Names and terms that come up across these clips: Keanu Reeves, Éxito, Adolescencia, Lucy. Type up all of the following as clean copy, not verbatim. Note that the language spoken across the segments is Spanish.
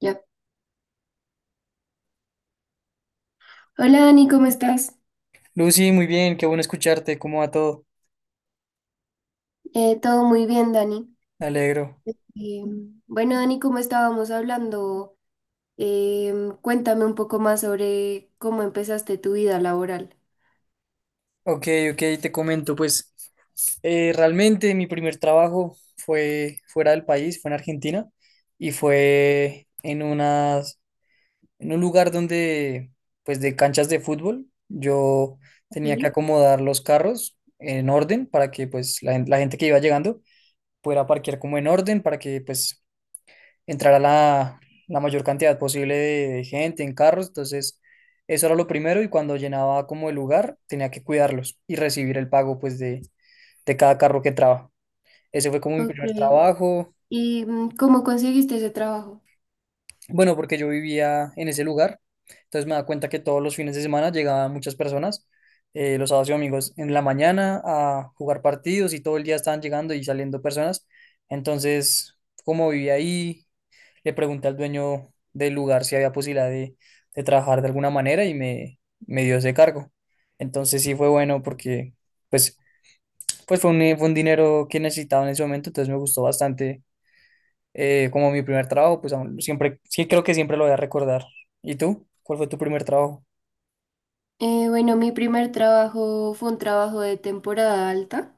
Ya. Hola Dani, ¿cómo estás? Lucy, muy bien, qué bueno escucharte, ¿cómo va todo? Todo muy bien, Dani. Me alegro. Eh, bueno, Dani, como estábamos hablando, cuéntame un poco más sobre cómo empezaste tu vida laboral. Ok, ok, te comento, pues realmente mi primer trabajo fue fuera del país, fue en Argentina y fue en unas, en un lugar donde, pues de canchas de fútbol, yo tenía que Ok. acomodar los carros en orden para que pues la gente que iba llegando pudiera parquear como en orden para que pues entrar a la, la mayor cantidad posible de gente en carros, entonces eso era lo primero y cuando llenaba como el lugar tenía que cuidarlos y recibir el pago pues de cada carro que entraba. Ese fue como mi Ok. primer trabajo, ¿Y cómo conseguiste ese trabajo? bueno, porque yo vivía en ese lugar, entonces me daba cuenta que todos los fines de semana llegaban muchas personas, los sábados y domingos en la mañana a jugar partidos y todo el día estaban llegando y saliendo personas, entonces como vivía ahí le pregunté al dueño del lugar si había posibilidad de trabajar de alguna manera y me dio ese cargo. Entonces sí fue bueno porque pues, pues fue un dinero que necesitaba en ese momento, entonces me gustó bastante como mi primer trabajo, pues aún siempre, sí creo que siempre lo voy a recordar. ¿Y tú? ¿Cuál fue tu primer trabajo? Bueno, mi primer trabajo fue un trabajo de temporada alta.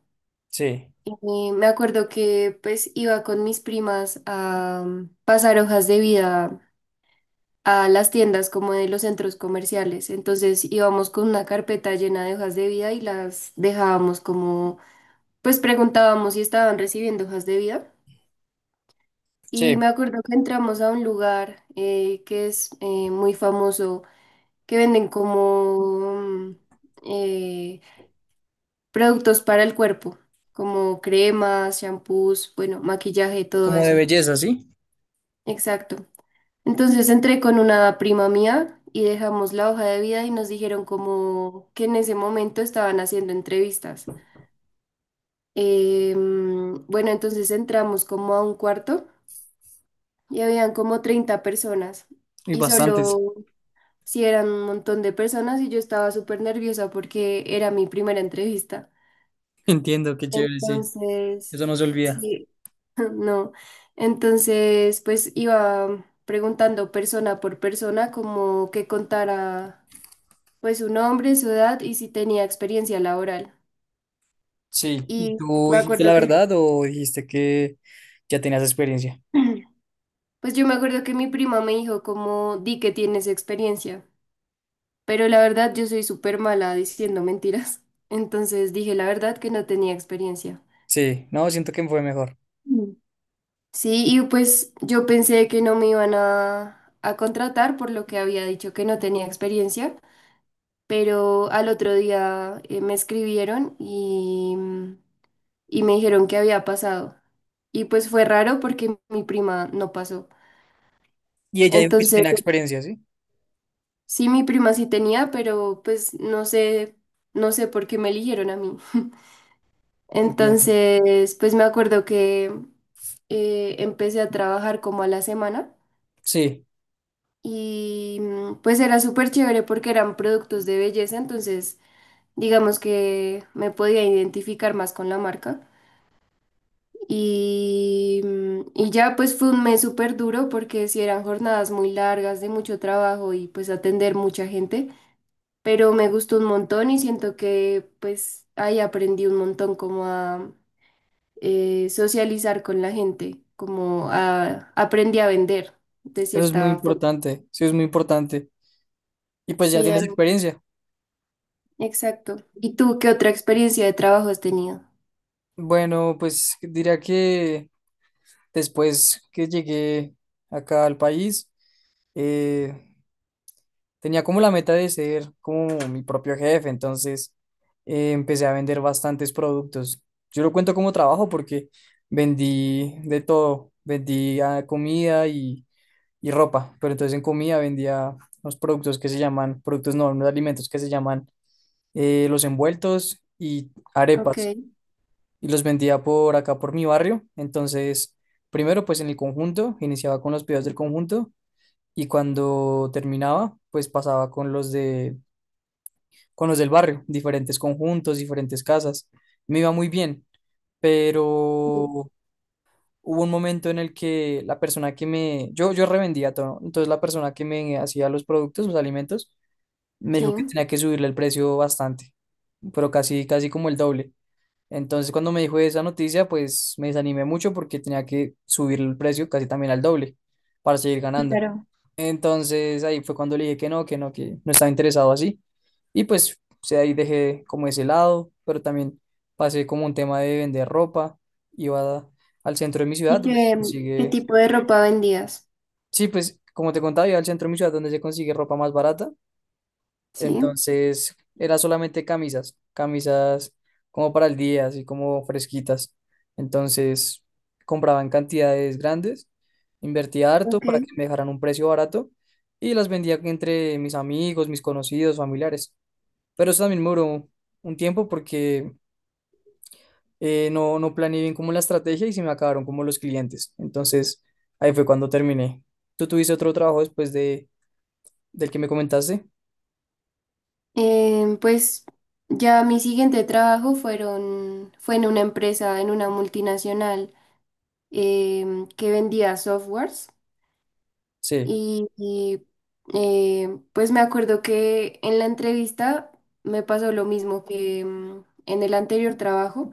Sí, Me acuerdo que pues iba con mis primas a pasar hojas de vida a las tiendas como de los centros comerciales. Entonces íbamos con una carpeta llena de hojas de vida y las dejábamos como, pues preguntábamos si estaban recibiendo hojas de vida. Y sí, me acuerdo que entramos a un lugar que es muy famoso, que venden como eh, productos para el cuerpo, como cremas, shampoos, bueno, maquillaje, todo como de eso. belleza, ¿sí? Exacto. Entonces entré con una prima mía y dejamos la hoja de vida y nos dijeron como que en ese momento estaban haciendo entrevistas. Bueno, entonces entramos como a un cuarto y habían como 30 personas Y y bastantes. solo si eran un montón de personas y yo estaba súper nerviosa porque era mi primera entrevista. Entiendo, qué chévere, sí. Entonces, Eso no se olvida. sí, no. Entonces, pues iba preguntando persona por persona como que contara pues su nombre, su edad y si tenía experiencia laboral. Sí. ¿Y Y tú me dijiste acuerdo la que, verdad o dijiste que ya tenías experiencia? pues yo me acuerdo que mi prima me dijo como, di que tienes experiencia, pero la verdad yo soy súper mala diciendo mentiras. Entonces dije la verdad que no tenía experiencia. Sí, no, siento que fue mejor. Mm. Sí, y pues yo pensé que no me iban a contratar por lo que había dicho que no tenía experiencia, pero al otro día me escribieron y y me dijeron que había pasado. Y pues fue raro porque mi prima no pasó. Y ella dijo que sí Entonces, tenía experiencia, ¿sí? sí, mi prima sí tenía, pero pues no sé, no sé por qué me eligieron a mí. Entiendo. Entonces, pues me acuerdo que empecé a trabajar como a la semana Sí, y pues era súper chévere porque eran productos de belleza, entonces digamos que me podía identificar más con la marca. Y ya pues fue un mes súper duro porque sí eran jornadas muy largas de mucho trabajo y pues atender mucha gente, pero me gustó un montón y siento que pues ahí aprendí un montón como a socializar con la gente, como a aprendí a vender de eso es muy cierta forma. importante, sí es muy importante. Y pues ya Sí, tienes Dani, experiencia. exacto. ¿Y tú qué otra experiencia de trabajo has tenido? Bueno, pues diría que después que llegué acá al país, eh, tenía como la meta de ser como mi propio jefe, entonces empecé a vender bastantes productos. Yo lo cuento como trabajo porque vendí de todo, vendí ah, comida y ropa, pero entonces en comida vendía unos productos que se llaman, productos no, unos alimentos que se llaman los envueltos y Ok, arepas, y los vendía por acá, por mi barrio, entonces primero pues en el conjunto, iniciaba con los pedidos del conjunto, y cuando terminaba pues pasaba con los de, con los del barrio, diferentes conjuntos, diferentes casas, me iba muy bien, sí. pero hubo un momento en el que la persona que yo revendía todo, ¿no? Entonces la persona que me hacía los productos, los alimentos, me Sí. dijo que tenía que subirle el precio bastante, pero casi, casi como el doble. Entonces cuando me dijo esa noticia, pues me desanimé mucho porque tenía que subir el precio casi también al doble para seguir ganando. Claro. Entonces ahí fue cuando le dije que no, que no, que no estaba interesado así. Y pues o sea, ahí dejé como ese lado, pero también pasé como un tema de vender ropa. Iba a- Al centro de mi ciudad ¿Y donde se qué consigue, tipo de ropa vendías? sí, pues como te contaba, iba al centro de mi ciudad donde se consigue ropa más barata. Sí. Entonces, era solamente camisas, camisas como para el día, así como fresquitas. Entonces, compraba en cantidades grandes, invertía harto Ok. para que me dejaran un precio barato y las vendía entre mis amigos, mis conocidos, familiares. Pero eso también me duró un tiempo porque no planeé bien como la estrategia y se me acabaron como los clientes. Entonces, ahí fue cuando terminé. ¿Tú tuviste otro trabajo después de, del que me comentaste? Pues ya mi siguiente trabajo fue en una empresa, en una multinacional que vendía softwares Sí, y, pues me acuerdo que en la entrevista me pasó lo mismo que en el anterior trabajo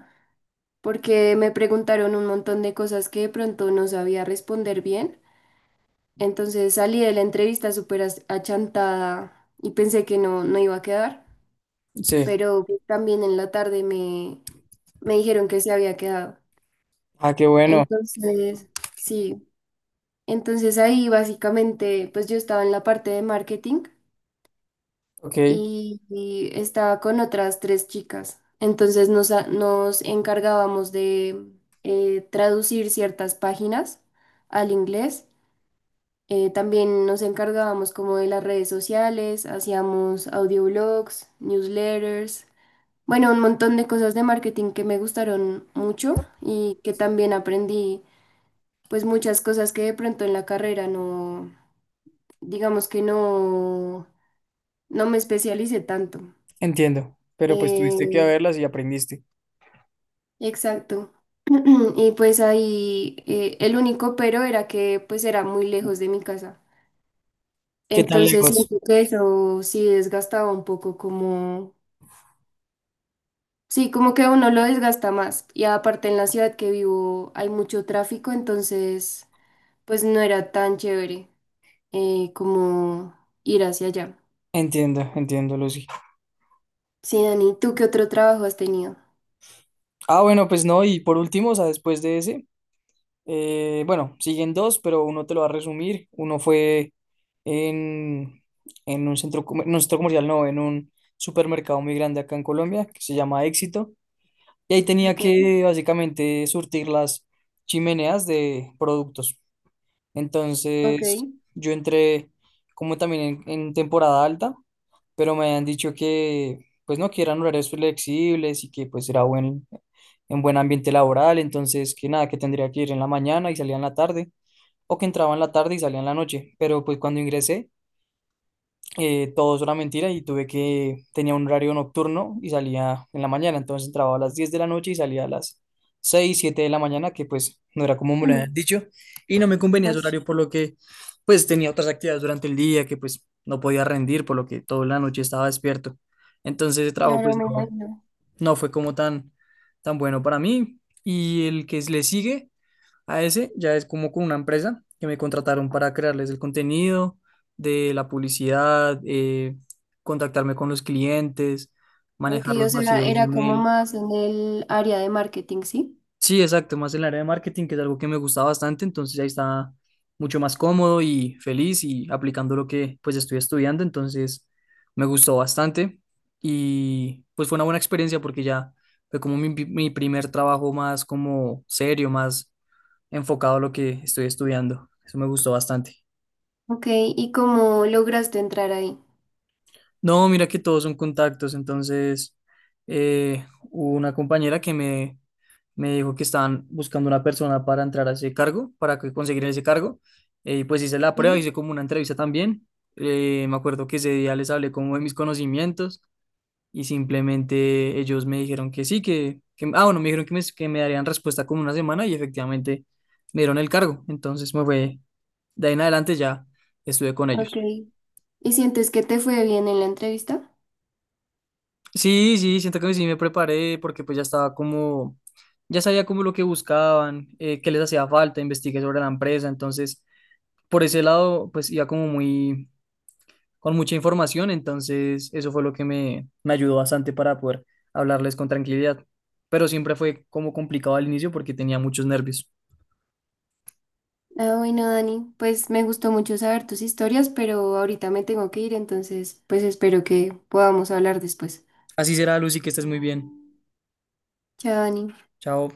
porque me preguntaron un montón de cosas que de pronto no sabía responder bien. Entonces salí de la entrevista súper achantada y pensé que no, no iba a quedar. sí. Pero pues, también en la tarde me dijeron que se había quedado. Ah, qué bueno. Entonces, sí, entonces ahí básicamente, pues yo estaba en la parte de marketing Ok. Y estaba con otras tres chicas. Entonces nos encargábamos de traducir ciertas páginas al inglés. También nos encargábamos como de las redes sociales, hacíamos audioblogs, newsletters. Bueno, un montón de cosas de marketing que me gustaron mucho y que también aprendí, pues muchas cosas que de pronto en la carrera no, digamos que no, no me especialicé tanto. Entiendo, pero pues tuviste que Eh, verlas y aprendiste. exacto. Y pues ahí el único pero era que pues era muy lejos de mi casa. ¿Qué tan Entonces lejos? siento que eso sí desgastaba un poco como... Sí, como que a uno lo desgasta más. Y aparte en la ciudad que vivo hay mucho tráfico, entonces... pues no era tan chévere como ir hacia allá. Entiendo, entiendo, Lucy. Sí, Dani, ¿tú qué otro trabajo has tenido? Ah, bueno, pues no, y por último, o sea, después de ese, bueno, siguen dos, pero uno te lo va a resumir. Uno fue en, en un centro, centro comercial, no, en un supermercado muy grande acá en Colombia, que se llama Éxito, y ahí tenía Ok, que básicamente surtir las chimeneas de productos. ok. Entonces, yo entré como también en temporada alta, pero me habían dicho que, pues no, que eran horarios flexibles y que pues en buen ambiente laboral, entonces que nada, que tendría que ir en la mañana y salía en la tarde, o que entraba en la tarde y salía en la noche, pero pues cuando ingresé todo eso era mentira y tenía un horario nocturno y salía en la mañana, entonces entraba a las 10 de la noche y salía a las 6 7 de la mañana, que pues no era como me lo Mm. habían dicho, y no me convenía ese Pues, horario por lo que pues tenía otras actividades durante el día que pues no podía rendir, por lo que toda la noche estaba despierto. Entonces el trabajo claro, pues me no, imagino. no fue como tan, tan bueno para mí y el que le sigue. A ese ya es como con una empresa que me contrataron para crearles el contenido de la publicidad, contactarme con los clientes, Ok, manejar o los sea, vacíos era de como mail. más en el área de marketing, ¿sí? Sí, exacto, más en el área de marketing, que es algo que me gusta bastante, entonces ahí está mucho más cómodo y feliz y aplicando lo que pues estoy estudiando, entonces me gustó bastante y pues fue una buena experiencia porque ya fue como mi primer trabajo más como serio, más enfocado a lo que estoy estudiando. Eso me gustó bastante. Ok, ¿y cómo lograste entrar ahí? No, mira que todos son contactos, entonces hubo una compañera que me dijo que estaban buscando una persona para entrar a ese cargo, conseguir ese cargo, y pues hice la prueba, Sí, hice como una entrevista también. Me acuerdo que ese día les hablé como de mis conocimientos y simplemente ellos me dijeron que sí, bueno, me dijeron que que me darían respuesta como una semana y efectivamente me dieron el cargo, entonces me fue. De ahí en adelante ya estuve con ok. ellos. ¿Y sientes que te fue bien en la entrevista? Sí, sí, siento que sí me preparé porque pues ya estaba como, ya sabía como lo que buscaban, qué les hacía falta, investigué sobre la empresa, entonces por ese lado pues iba como muy, con mucha información, entonces eso fue lo que me ayudó bastante para poder hablarles con tranquilidad, pero siempre fue como complicado al inicio porque tenía muchos nervios. Ah, bueno, Dani, pues me gustó mucho saber tus historias, pero ahorita me tengo que ir, entonces, pues espero que podamos hablar después. Así será, Lucy, que estés muy bien. Chao, Dani. Chao.